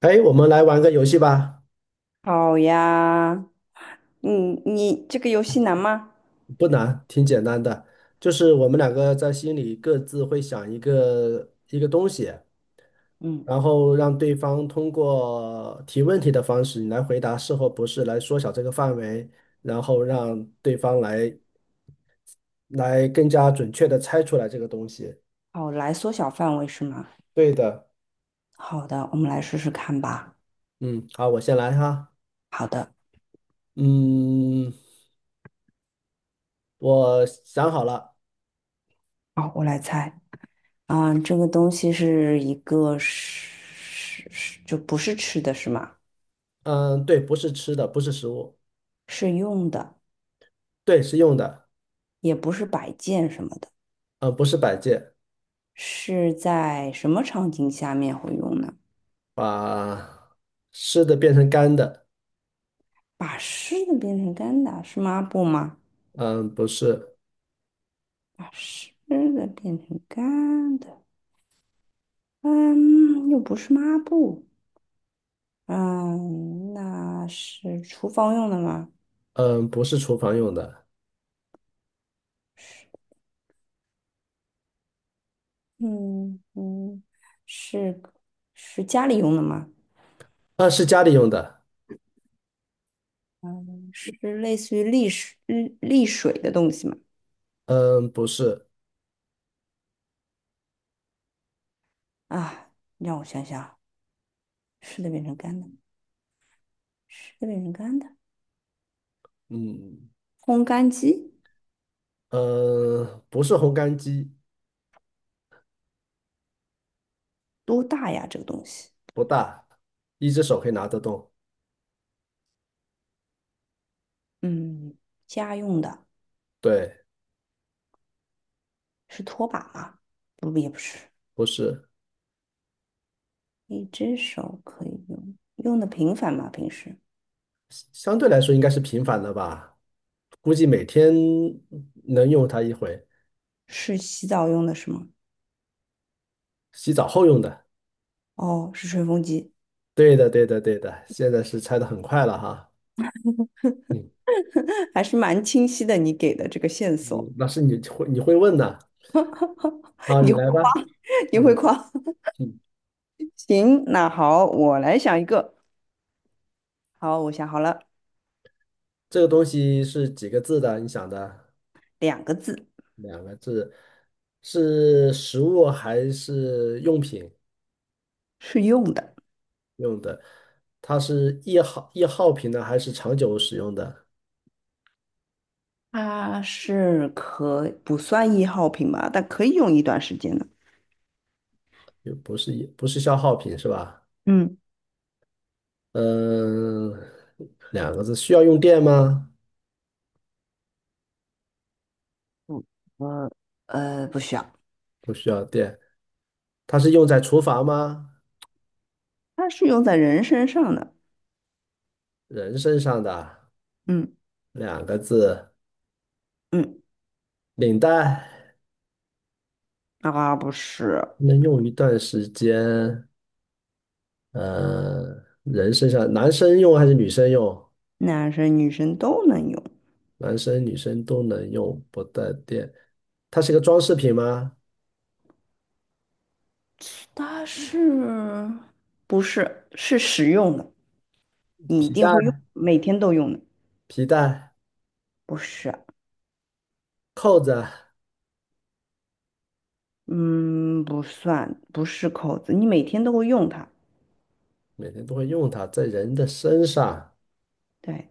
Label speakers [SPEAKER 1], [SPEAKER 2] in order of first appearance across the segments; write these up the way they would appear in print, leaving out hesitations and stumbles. [SPEAKER 1] 哎，我们来玩个游戏吧，
[SPEAKER 2] 好呀。嗯，你这个游戏难吗？
[SPEAKER 1] 不难，挺简单的，就是我们两个在心里各自会想一个东西，
[SPEAKER 2] 嗯。
[SPEAKER 1] 然后让对方通过提问题的方式，你来回答是或不是，来缩小这个范围，然后让对方来更加准确的猜出来这个东西。
[SPEAKER 2] 哦，来缩小范围是吗？
[SPEAKER 1] 对的，
[SPEAKER 2] 好的，我们来试试看吧。
[SPEAKER 1] 嗯，好，我先来哈，
[SPEAKER 2] 好的。
[SPEAKER 1] 嗯，我想好了，
[SPEAKER 2] 好，我来猜。啊、这个东西是一个是就不是吃的是吗？
[SPEAKER 1] 嗯，对，不是吃的，不是食物，
[SPEAKER 2] 是用的。
[SPEAKER 1] 对，是用的，
[SPEAKER 2] 也不是摆件什么的。
[SPEAKER 1] 嗯，不是摆件。
[SPEAKER 2] 是在什么场景下面会用呢？
[SPEAKER 1] 把湿的变成干的，
[SPEAKER 2] 把湿的变成干的，是抹布吗？
[SPEAKER 1] 嗯，不是，
[SPEAKER 2] 把湿的变成干的，嗯，又不是抹布。嗯，那是厨房用的吗？
[SPEAKER 1] 嗯，不是厨房用的，
[SPEAKER 2] 嗯嗯。是是家里用的吗？
[SPEAKER 1] 啊，是家里用的，
[SPEAKER 2] 是类似于沥水的东西吗？
[SPEAKER 1] 嗯，不是，
[SPEAKER 2] 啊，让我想想啊。湿的变成干的。湿的变成干的。
[SPEAKER 1] 嗯，
[SPEAKER 2] 烘干机
[SPEAKER 1] 嗯，不是烘干机，
[SPEAKER 2] 多大呀？这个东西，
[SPEAKER 1] 不大，一只手可以拿得动，
[SPEAKER 2] 嗯，家用的。
[SPEAKER 1] 对，
[SPEAKER 2] 是拖把吗？不，也不是。
[SPEAKER 1] 不是，
[SPEAKER 2] 一只手可以用，用的频繁吗？平时
[SPEAKER 1] 相对来说应该是频繁的吧，估计每天能用它一回，
[SPEAKER 2] 是洗澡用的是吗？
[SPEAKER 1] 洗澡后用的，
[SPEAKER 2] 哦，是吹风机。
[SPEAKER 1] 对的，对的，对的，现在是拆的很快了哈，嗯
[SPEAKER 2] 还是蛮清晰的，你给的这个线索。
[SPEAKER 1] 嗯，那是你会问的，好，
[SPEAKER 2] 你
[SPEAKER 1] 你
[SPEAKER 2] 会
[SPEAKER 1] 来
[SPEAKER 2] 夸。
[SPEAKER 1] 吧，
[SPEAKER 2] 你会
[SPEAKER 1] 嗯。
[SPEAKER 2] 夸。
[SPEAKER 1] 嗯，
[SPEAKER 2] 行，那好，我来想一个。好，我想好了。
[SPEAKER 1] 这个东西是几个字的？你想的
[SPEAKER 2] 两个字。
[SPEAKER 1] 两个字，是食物还是用品
[SPEAKER 2] 是用的。
[SPEAKER 1] 用的？它是易耗品呢，还是长久使用的？
[SPEAKER 2] 它是可不算易耗品吧，但可以用一段时间的。
[SPEAKER 1] 又不是消耗品是吧？
[SPEAKER 2] 嗯。
[SPEAKER 1] 嗯，两个字，需要用电吗？
[SPEAKER 2] 不，我不需要。
[SPEAKER 1] 不需要电。它是用在厨房吗？
[SPEAKER 2] 它是用在人身上的。
[SPEAKER 1] 人身上的
[SPEAKER 2] 嗯
[SPEAKER 1] 两个字，
[SPEAKER 2] 嗯。
[SPEAKER 1] 领带
[SPEAKER 2] 啊，不是。
[SPEAKER 1] 能用一段时间。呃，人身上，男生用还是女生用？
[SPEAKER 2] 男生女生都能用。
[SPEAKER 1] 男生女生都能用，不带电。它是一个装饰品吗？
[SPEAKER 2] 它不是实用的？你一
[SPEAKER 1] 皮
[SPEAKER 2] 定
[SPEAKER 1] 带、
[SPEAKER 2] 会用，每天都用的。
[SPEAKER 1] 皮带、
[SPEAKER 2] 不是。
[SPEAKER 1] 扣子，
[SPEAKER 2] 嗯，不算，不是口子，你每天都会用它。
[SPEAKER 1] 每天都会用它，在人的身上。
[SPEAKER 2] 对，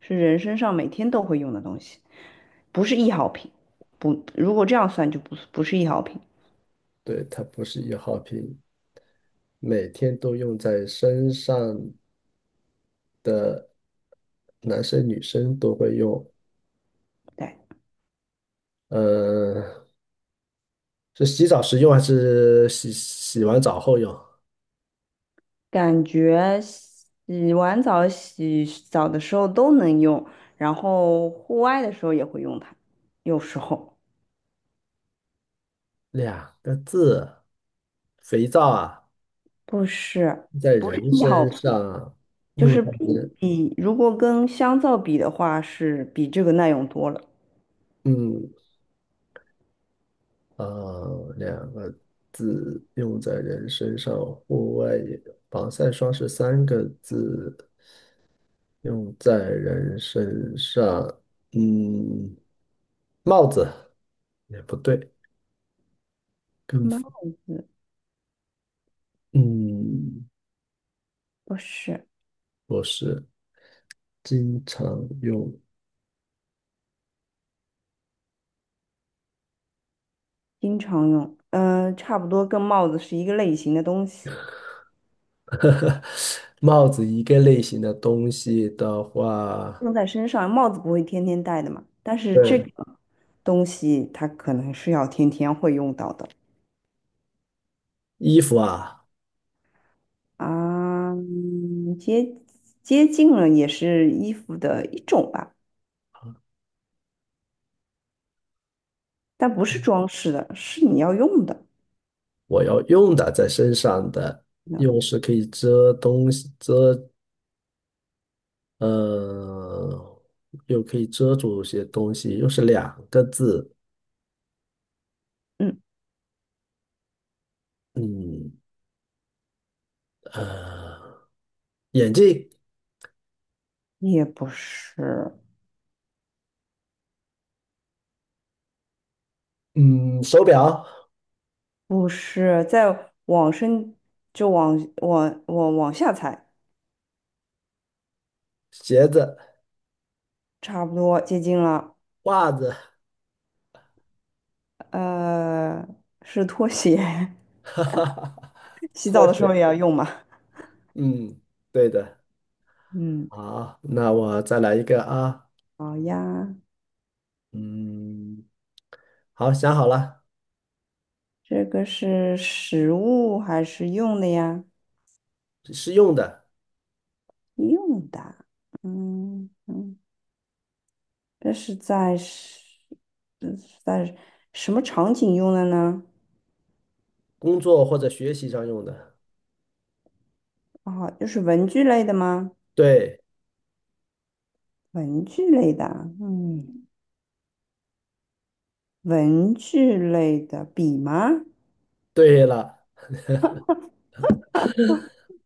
[SPEAKER 2] 是人身上每天都会用的东西，不是易耗品。不，如果这样算就不不是易耗品。
[SPEAKER 1] 对，它不是易耗品，每天都用在身上，男生女生都会用。
[SPEAKER 2] 对。
[SPEAKER 1] 呃，是洗澡时用还是洗完澡后用？
[SPEAKER 2] 感觉洗完澡、洗澡的时候都能用，然后户外的时候也会用它。有时候
[SPEAKER 1] 两个字，肥皂啊，
[SPEAKER 2] 不是
[SPEAKER 1] 在
[SPEAKER 2] 不是
[SPEAKER 1] 人
[SPEAKER 2] 易耗
[SPEAKER 1] 身
[SPEAKER 2] 品，
[SPEAKER 1] 上。
[SPEAKER 2] 就是
[SPEAKER 1] 嗯，
[SPEAKER 2] 比如果跟香皂比的话，是比这个耐用多了。
[SPEAKER 1] 嗯啊，两个字用在人身上，户外也。防晒霜是三个字，用在人身上。嗯，帽子也不对，
[SPEAKER 2] 帽
[SPEAKER 1] 跟
[SPEAKER 2] 子
[SPEAKER 1] 嗯
[SPEAKER 2] 不是。
[SPEAKER 1] 不是经常用。
[SPEAKER 2] 经常用。嗯，差不多跟帽子是一个类型的东西，
[SPEAKER 1] 帽子一个类型的东西的话，
[SPEAKER 2] 用在身上。帽子不会天天戴的嘛，但是这
[SPEAKER 1] 对，
[SPEAKER 2] 个东西它可能是要天天会用到的
[SPEAKER 1] 衣服啊，
[SPEAKER 2] 啊。接近了，也是衣服的一种吧，但不是装饰的，是你要用的。
[SPEAKER 1] 我要用的在身上的，
[SPEAKER 2] 那
[SPEAKER 1] 用是可以遮东西遮呃，又可以遮住一些东西，又是两个字，
[SPEAKER 2] 嗯，
[SPEAKER 1] 嗯，呃，眼镜，
[SPEAKER 2] 也不是。
[SPEAKER 1] 嗯，手表，
[SPEAKER 2] 不是。在往身，就往下踩。
[SPEAKER 1] 鞋子，
[SPEAKER 2] 差不多接近了。
[SPEAKER 1] 袜子，
[SPEAKER 2] 呃，是拖鞋。
[SPEAKER 1] 哈哈哈，
[SPEAKER 2] 洗
[SPEAKER 1] 拖
[SPEAKER 2] 澡的时候
[SPEAKER 1] 鞋，
[SPEAKER 2] 也要用嘛。
[SPEAKER 1] 嗯，对的，
[SPEAKER 2] 嗯。
[SPEAKER 1] 好，那我再来一个啊，
[SPEAKER 2] 好呀。
[SPEAKER 1] 嗯，好，想好了，
[SPEAKER 2] 这个是实物还是用的呀？
[SPEAKER 1] 是用的，
[SPEAKER 2] 用的。嗯嗯。这是在是这是在什么场景用的呢？
[SPEAKER 1] 工作或者学习上用的，
[SPEAKER 2] 哦，就是文具类的吗？
[SPEAKER 1] 对，
[SPEAKER 2] 文具类的啊，嗯，文具类的笔吗？
[SPEAKER 1] 对了，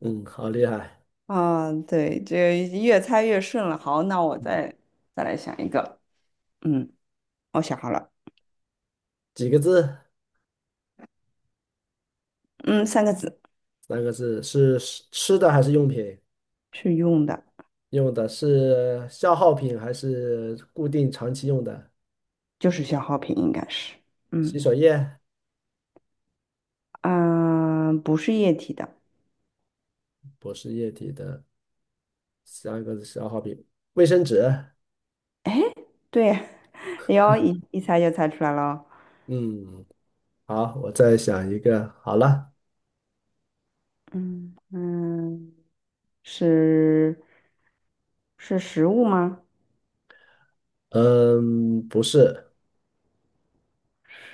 [SPEAKER 1] 嗯，好厉害，
[SPEAKER 2] 啊，对，这越猜越顺了。好，那我再来想一个。嗯，我想好了。
[SPEAKER 1] 几个字？
[SPEAKER 2] 嗯，三个字。
[SPEAKER 1] 三个字，是吃的还是用品？
[SPEAKER 2] 是用的。
[SPEAKER 1] 用的是消耗品还是固定长期用的？
[SPEAKER 2] 就是消耗品，应该是。
[SPEAKER 1] 洗
[SPEAKER 2] 嗯。
[SPEAKER 1] 手液、
[SPEAKER 2] 啊、不是液体的。
[SPEAKER 1] 不是液体的三个消耗品，卫生纸。
[SPEAKER 2] 对。哎呦，一一猜就猜出来了哦。
[SPEAKER 1] 嗯，好，我再想一个。好了，
[SPEAKER 2] 嗯嗯。是是食物吗？
[SPEAKER 1] 嗯，不是，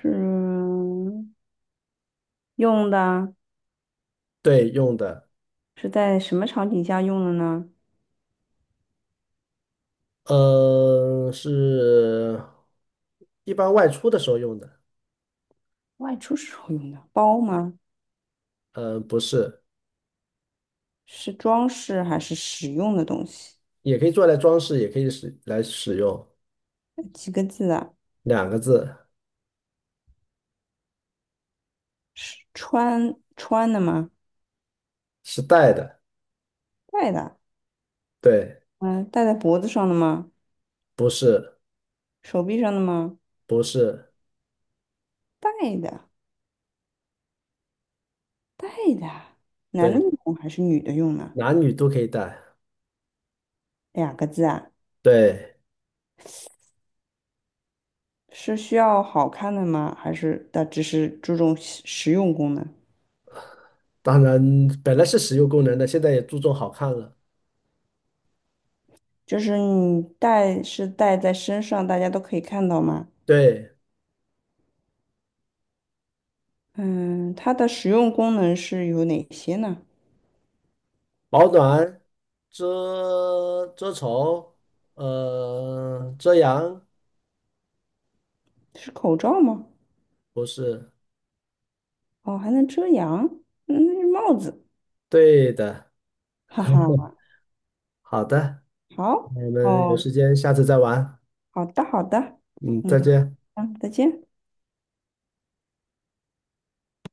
[SPEAKER 2] 是用的。
[SPEAKER 1] 对，用的，
[SPEAKER 2] 是在什么场景下用的呢？
[SPEAKER 1] 嗯，是一般外出的时候用的。
[SPEAKER 2] 外出时候用的包吗？
[SPEAKER 1] 嗯，不是，
[SPEAKER 2] 是装饰还是使用的东西？
[SPEAKER 1] 也可以做来装饰，也可以使来使用。
[SPEAKER 2] 几个字啊？
[SPEAKER 1] 两个字
[SPEAKER 2] 是穿的吗？
[SPEAKER 1] 是带的，
[SPEAKER 2] 戴的？
[SPEAKER 1] 对，
[SPEAKER 2] 嗯，戴在脖子上的吗？
[SPEAKER 1] 不是，
[SPEAKER 2] 手臂上的吗？
[SPEAKER 1] 不是，
[SPEAKER 2] 戴的。戴的。男的
[SPEAKER 1] 对，
[SPEAKER 2] 用还是女的用呢？
[SPEAKER 1] 男女都可以带。
[SPEAKER 2] 两个字啊。
[SPEAKER 1] 对，
[SPEAKER 2] 是需要好看的吗？还是它只是注重实用功能？
[SPEAKER 1] 当然本来是实用功能的，现在也注重好看了。
[SPEAKER 2] 就是你戴在身上，大家都可以看到吗？
[SPEAKER 1] 对，
[SPEAKER 2] 嗯，它的实用功能是有哪些呢？
[SPEAKER 1] 保暖、遮丑，呃，遮阳，
[SPEAKER 2] 是口罩吗？
[SPEAKER 1] 不是，
[SPEAKER 2] 哦，还能遮阳。嗯，那是帽子。
[SPEAKER 1] 对的。
[SPEAKER 2] 哈哈。
[SPEAKER 1] 好的，
[SPEAKER 2] 好。
[SPEAKER 1] 那我们有
[SPEAKER 2] 哦，
[SPEAKER 1] 时间下次再玩。
[SPEAKER 2] 好的，好的。
[SPEAKER 1] 嗯，
[SPEAKER 2] 嗯。
[SPEAKER 1] 再见。
[SPEAKER 2] 好，再见。